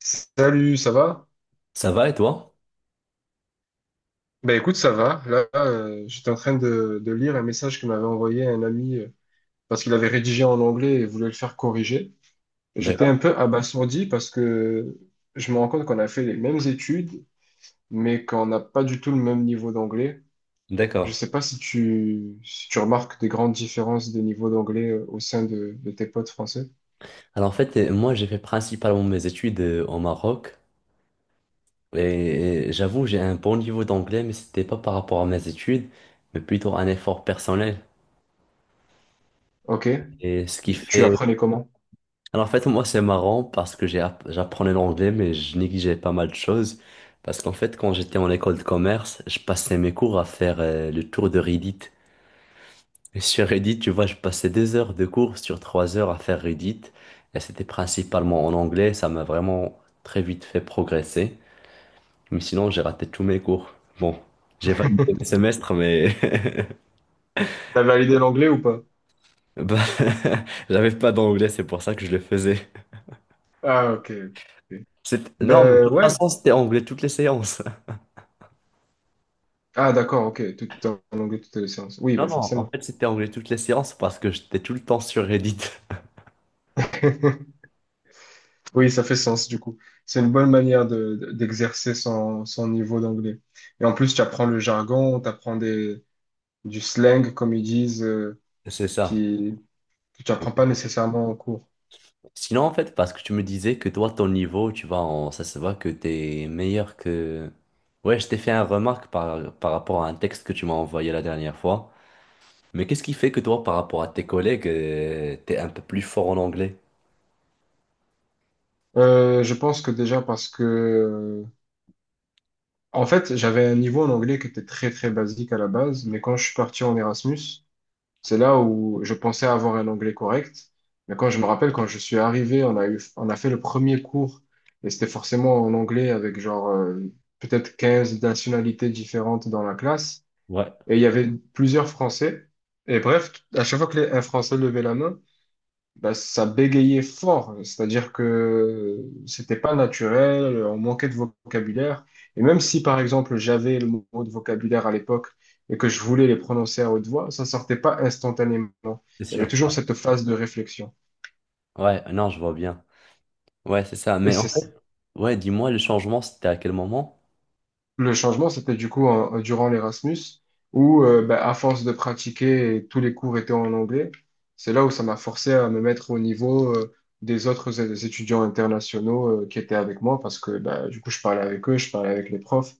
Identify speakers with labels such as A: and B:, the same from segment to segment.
A: Salut, ça va?
B: Ça va et toi?
A: Ben écoute, ça va. Là, j'étais en train de lire un message que m'avait envoyé un ami parce qu'il avait rédigé en anglais et voulait le faire corriger. J'étais
B: D'accord.
A: un peu abasourdi parce que je me rends compte qu'on a fait les mêmes études, mais qu'on n'a pas du tout le même niveau d'anglais. Je
B: D'accord.
A: sais pas si si tu remarques des grandes différences de niveau d'anglais au sein de tes potes français.
B: Alors en fait, moi j'ai fait principalement mes études au Maroc et j'avoue j'ai un bon niveau d'anglais mais c'était pas par rapport à mes études mais plutôt un effort personnel.
A: Ok,
B: Et ce qui
A: tu
B: fait...
A: apprenais comment?
B: Alors en fait moi c'est marrant parce que j'apprenais l'anglais mais je négligeais pas mal de choses parce qu'en fait quand j'étais en école de commerce je passais mes cours à faire le tour de Reddit. Et sur Reddit, tu vois, je passais des heures de cours sur 3 heures à faire Reddit. Et c'était principalement en anglais. Ça m'a vraiment très vite fait progresser. Mais sinon, j'ai raté tous mes cours. Bon, j'ai validé mes semestres, mais
A: T'as validé l'anglais ou pas?
B: bah, j'avais pas d'anglais. C'est pour ça que je le faisais.
A: Ah, ok. Ok. Ok.
B: Non, mais de
A: Ben
B: toute
A: ouais.
B: façon, c'était anglais toutes les séances.
A: Ah, d'accord, ok. Tout est en anglais, toutes les séances. Oui,
B: Non,
A: ben
B: non, en
A: forcément.
B: fait, c'était anglais toutes les séances parce que j'étais tout le temps sur Reddit.
A: Oui, ça fait sens du coup. C'est une bonne manière d'exercer son niveau d'anglais. Et en plus, tu apprends le jargon, tu apprends des, du slang, comme ils disent,
B: C'est ça.
A: qui, que tu apprends pas nécessairement en cours.
B: Sinon, en fait, parce que tu me disais que toi, ton niveau, tu vois, ça se voit que t'es meilleur que... Ouais, je t'ai fait une remarque par rapport à un texte que tu m'as envoyé la dernière fois. Mais qu'est-ce qui fait que toi, par rapport à tes collègues, t'es un peu plus fort en anglais?
A: Je pense que déjà parce que, en fait, j'avais un niveau en anglais qui était très très basique à la base, mais quand je suis parti en Erasmus, c'est là où je pensais avoir un anglais correct. Mais quand je me rappelle, quand je suis arrivé, on a fait le premier cours et c'était forcément en anglais avec genre peut-être 15 nationalités différentes dans la classe.
B: Ouais,
A: Et il y avait plusieurs Français. Et bref, à chaque fois qu'un Français levait la main, bah, ça bégayait fort, c'est-à-dire que c'était pas naturel, on manquait de vocabulaire. Et même si, par exemple, j'avais le mot de vocabulaire à l'époque et que je voulais les prononcer à haute voix, ça sortait pas instantanément.
B: c'est
A: Il y avait
B: sûr.
A: toujours cette phase de réflexion.
B: Ouais, non, je vois bien. Ouais, c'est ça.
A: Et
B: Mais en
A: c'est
B: fait, ouais, dis-moi, le changement, c'était à quel moment?
A: Le changement, c'était du coup durant l'Erasmus, où bah, à force de pratiquer, tous les cours étaient en anglais. C'est là où ça m'a forcé à me mettre au niveau des autres étudiants internationaux qui étaient avec moi, parce que bah, du coup, je parlais avec eux, je parlais avec les profs,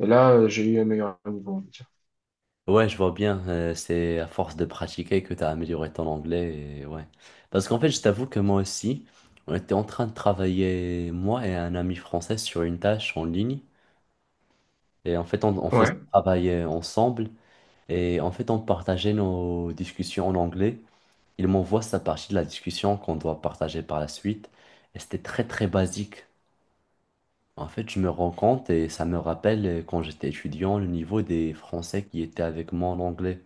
A: et là, j'ai eu un meilleur niveau, on va dire.
B: Ouais, je vois bien. C'est à force de pratiquer que tu as amélioré ton anglais. Et ouais. Parce qu'en fait, je t'avoue que moi aussi, on était en train de travailler, moi et un ami français, sur une tâche en ligne. Et en fait, on faisait
A: Ouais,
B: travailler ensemble. Et en fait, on partageait nos discussions en anglais. Il m'envoie sa partie de la discussion qu'on doit partager par la suite. Et c'était très, très basique. En fait, je me rends compte et ça me rappelle quand j'étais étudiant, le niveau des Français qui étaient avec moi en anglais.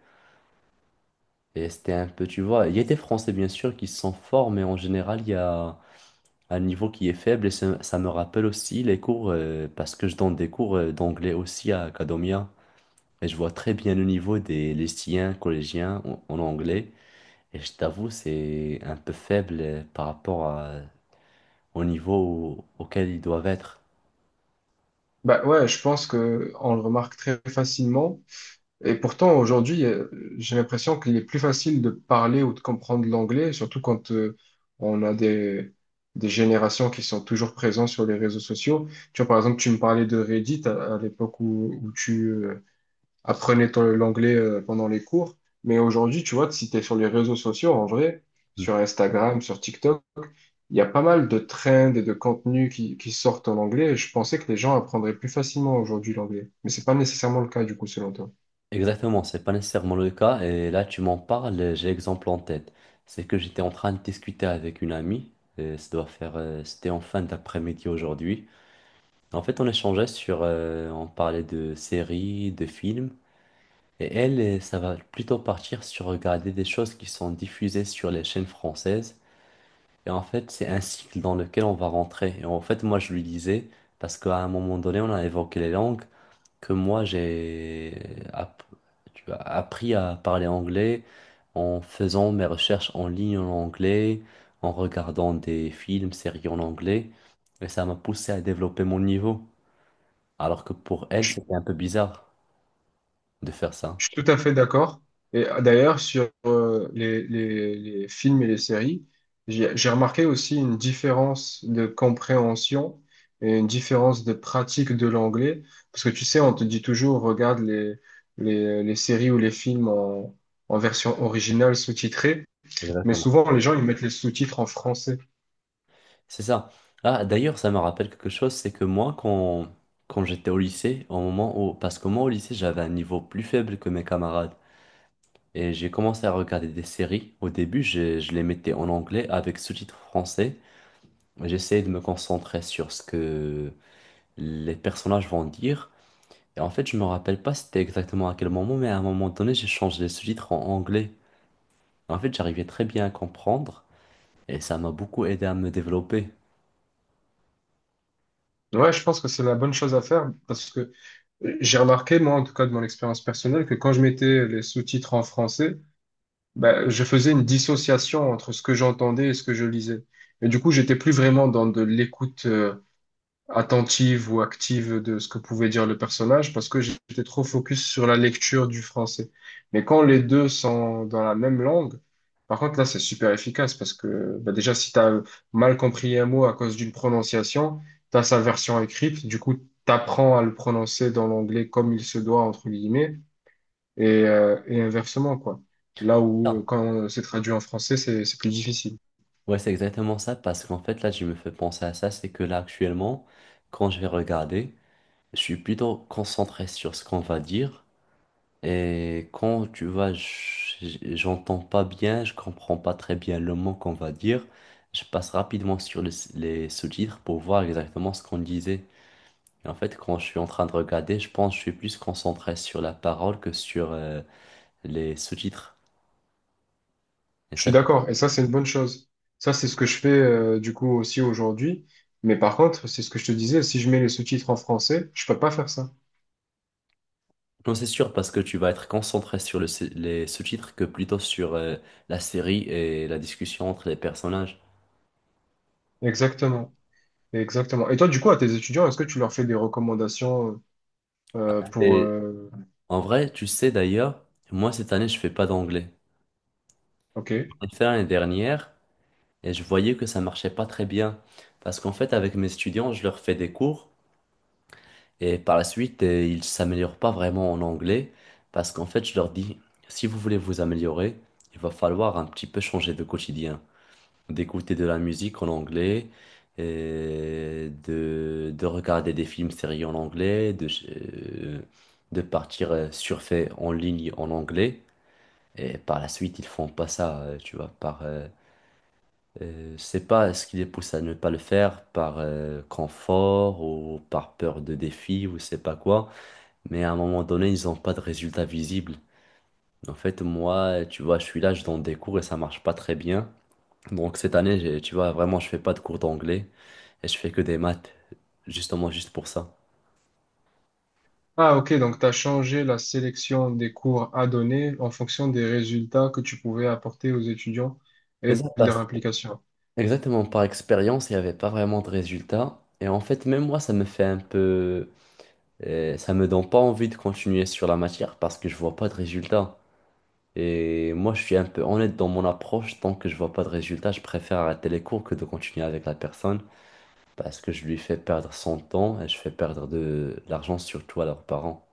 B: Et c'était un peu, tu vois, il y a des Français bien sûr qui sont forts, mais en général, il y a un niveau qui est faible et ça me rappelle aussi les cours, parce que je donne des cours d'anglais aussi à Academia. Et je vois très bien le niveau des lycéens, collégiens en anglais. Et je t'avoue, c'est un peu faible au niveau auquel ils doivent être.
A: bah ouais, je pense que on le remarque très facilement. Et pourtant, aujourd'hui, j'ai l'impression qu'il est plus facile de parler ou de comprendre l'anglais, surtout quand on a des générations qui sont toujours présentes sur les réseaux sociaux. Tu vois, par exemple, tu me parlais de Reddit à l'époque où tu apprenais l'anglais pendant les cours. Mais aujourd'hui, tu vois, si tu es sur les réseaux sociaux, en vrai,
B: Hmm.
A: sur Instagram, sur TikTok, il y a pas mal de trends et de contenus qui sortent en anglais. Et je pensais que les gens apprendraient plus facilement aujourd'hui l'anglais. Mais c'est pas nécessairement le cas, du coup, selon toi.
B: Exactement, c'est pas nécessairement le cas. Et là, tu m'en parles, et j'ai l'exemple en tête. C'est que j'étais en train de discuter avec une amie. Et ça doit faire, c'était en fin d'après-midi aujourd'hui. En fait, on échangeait sur, on parlait de séries, de films. Et elle, ça va plutôt partir sur regarder des choses qui sont diffusées sur les chaînes françaises. Et en fait, c'est un cycle dans lequel on va rentrer. Et en fait, moi, je lui disais, parce qu'à un moment donné, on a évoqué les langues que tu vois, appris à parler anglais en faisant mes recherches en ligne en anglais, en regardant des films, séries en anglais, et ça m'a poussé à développer mon niveau. Alors que pour elle, c'était un peu bizarre de faire ça.
A: Je suis tout à fait d'accord. Et d'ailleurs, sur les films et les séries, j'ai remarqué aussi une différence de compréhension et une différence de pratique de l'anglais. Parce que tu sais, on te dit toujours, regarde les séries ou les films en version originale sous-titrée. Mais
B: Exactement.
A: souvent, les gens, ils mettent les sous-titres en français.
B: C'est ça. Ah, d'ailleurs, ça me rappelle quelque chose, c'est que moi, quand j'étais au lycée, au moment où, parce que moi au lycée, j'avais un niveau plus faible que mes camarades. Et j'ai commencé à regarder des séries. Au début, je les mettais en anglais avec sous-titres français. J'essayais de me concentrer sur ce que les personnages vont dire. Et en fait, je me rappelle pas c'était exactement à quel moment, mais à un moment donné, j'ai changé les sous-titres en anglais. En fait, j'arrivais très bien à comprendre et ça m'a beaucoup aidé à me développer.
A: Ouais, je pense que c'est la bonne chose à faire parce que j'ai remarqué, moi, en tout cas de mon expérience personnelle, que quand je mettais les sous-titres en français, ben, je faisais une dissociation entre ce que j'entendais et ce que je lisais. Et du coup, j'étais plus vraiment dans de l'écoute attentive ou active de ce que pouvait dire le personnage parce que j'étais trop focus sur la lecture du français. Mais quand les deux sont dans la même langue, par contre, là, c'est super efficace parce que ben, déjà, si tu as mal compris un mot à cause d'une prononciation, tu as sa version écrite, du coup, tu apprends à le prononcer dans l'anglais comme il se doit, entre guillemets, et inversement, quoi. Là où,
B: Ah.
A: quand c'est traduit en français, c'est plus difficile.
B: Ouais, c'est exactement ça parce qu'en fait, là, je me fais penser à ça, c'est que là, actuellement, quand je vais regarder, je suis plutôt concentré sur ce qu'on va dire. Et quand tu vois, j'entends pas bien, je comprends pas très bien le mot qu'on va dire. Je passe rapidement sur les sous-titres pour voir exactement ce qu'on disait. Et en fait, quand je suis en train de regarder, je pense que je suis plus concentré sur la parole que sur les sous-titres. Et
A: Je suis
B: ça, c'est-
A: d'accord, et ça, c'est une bonne chose. Ça, c'est ce que je fais, du coup, aussi aujourd'hui. Mais par contre, c'est ce que je te disais, si je mets les sous-titres en français, je peux pas faire ça.
B: non, c'est sûr parce que tu vas être concentré sur les sous-titres que plutôt sur la série et la discussion entre les personnages.
A: Exactement. Exactement. Et toi, du coup, à tes étudiants, est-ce que tu leur fais des recommandations, euh, pour,
B: Et
A: euh,
B: en vrai, tu sais d'ailleurs, moi cette année, je fais pas d'anglais.
A: OK.
B: J'ai fait l'année dernière. Et je voyais que ça marchait pas très bien. Parce qu'en fait, avec mes étudiants, je leur fais des cours et par la suite, ils s'améliorent pas vraiment en anglais. Parce qu'en fait, je leur dis, si vous voulez vous améliorer, il va falloir un petit peu changer de quotidien. D'écouter de la musique en anglais, et de regarder des films, séries en anglais, de partir surfer en ligne en anglais. Et par la suite, ils font pas ça, tu vois, je pas, ce qui les pousse à ne pas le faire par confort ou par peur de défi ou je sais pas quoi, mais à un moment donné, ils n'ont pas de résultats visibles. En fait, moi, tu vois, je suis là, je donne des cours et ça marche pas très bien. Donc cette année, tu vois, vraiment, je fais pas de cours d'anglais et je fais que des maths, justement, juste pour ça.
A: Ah, OK, donc tu as changé la sélection des cours à donner en fonction des résultats que tu pouvais apporter aux étudiants
B: C'est
A: et de
B: ça,
A: leur
B: parce-
A: implication.
B: exactement, par expérience, il n'y avait pas vraiment de résultats. Et en fait, même moi, ça me fait un peu... ça me donne pas envie de continuer sur la matière parce que je vois pas de résultats. Et moi, je suis un peu honnête dans mon approche. Tant que je vois pas de résultat, je préfère arrêter les cours que de continuer avec la personne parce que je lui fais perdre son temps et je fais perdre de l'argent surtout à leurs parents.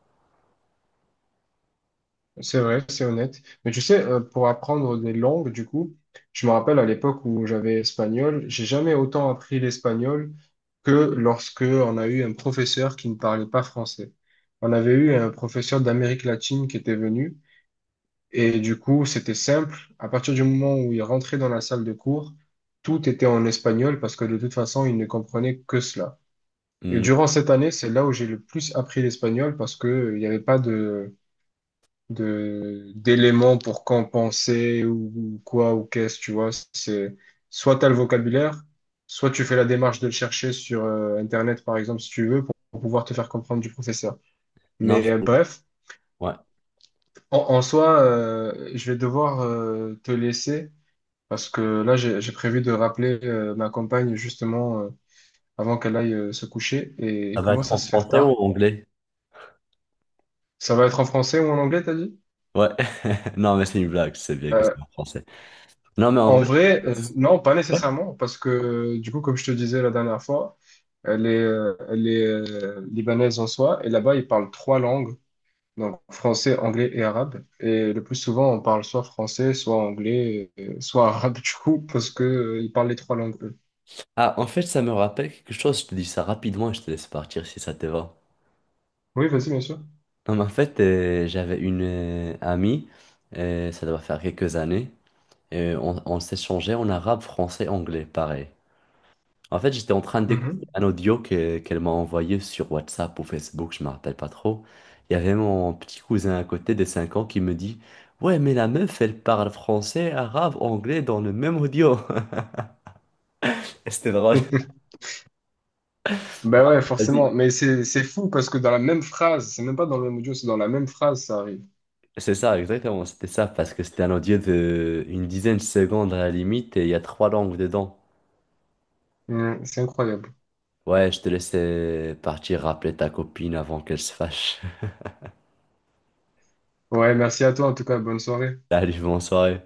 A: C'est vrai, c'est honnête. Mais tu sais, pour apprendre des langues, du coup, je me rappelle à l'époque où j'avais espagnol, j'ai jamais autant appris l'espagnol que lorsque on a eu un professeur qui ne parlait pas français. On avait eu un professeur d'Amérique latine qui était venu et du coup, c'était simple. À partir du moment où il rentrait dans la salle de cours, tout était en espagnol parce que de toute façon, il ne comprenait que cela. Et
B: Hmm.
A: durant cette année, c'est là où j'ai le plus appris l'espagnol parce que il n'y avait pas de de d'éléments pour compenser ou quoi ou qu'est-ce, tu vois. C'est soit t'as le vocabulaire, soit tu fais la démarche de le chercher sur Internet, par exemple, si tu veux, pour pouvoir te faire comprendre du professeur.
B: Non,
A: Mais
B: c'est-
A: bref,
B: ouais.
A: en, en soi, je vais devoir te laisser parce que là, j'ai prévu de rappeler ma compagne justement avant qu'elle aille se coucher et
B: Ça va
A: commence
B: être
A: à
B: en
A: se faire
B: français ou
A: tard.
B: en anglais?
A: Ça va être en français ou en anglais, t'as dit?
B: Ouais. Non, mais c'est une blague. C'est bien que c'est en français. Non, mais en
A: En
B: vrai.
A: vrai, non, pas nécessairement, parce que du coup, comme je te disais la dernière fois, elle les elle libanaise en soi, et là-bas, ils parlent 3 langues, donc français, anglais et arabe. Et le plus souvent, on parle soit français, soit anglais, soit arabe, du coup, parce que, ils parlent les 3 langues, eux.
B: Ah, en fait, ça me rappelle quelque chose. Je te dis ça rapidement et je te laisse partir si ça te va.
A: Oui, vas-y, bien sûr.
B: Non, mais en fait, j'avais une amie, ça doit faire quelques années. Et on s'échangeait en arabe, français, anglais, pareil. En fait, j'étais en train de découvrir
A: Mhm.
B: qu'elle m'a envoyé sur WhatsApp ou Facebook, je me rappelle pas trop. Il y avait mon petit cousin à côté de 5 ans qui me dit, ouais, mais la meuf, elle parle français, arabe, anglais dans le même audio. Et c'était drôle.
A: Ben ouais,
B: Vas-y.
A: forcément, mais c'est fou parce que dans la même phrase, c'est même pas dans le même audio, c'est dans la même phrase, ça arrive.
B: C'est ça, exactement, c'était ça, parce que c'était un audio de une dizaine de secondes à la limite et il y a trois langues dedans.
A: Mhm, c'est incroyable.
B: Ouais, je te laissais partir rappeler ta copine avant qu'elle se fâche.
A: Ouais, merci à toi en tout cas, bonne soirée.
B: Salut, bonne soirée.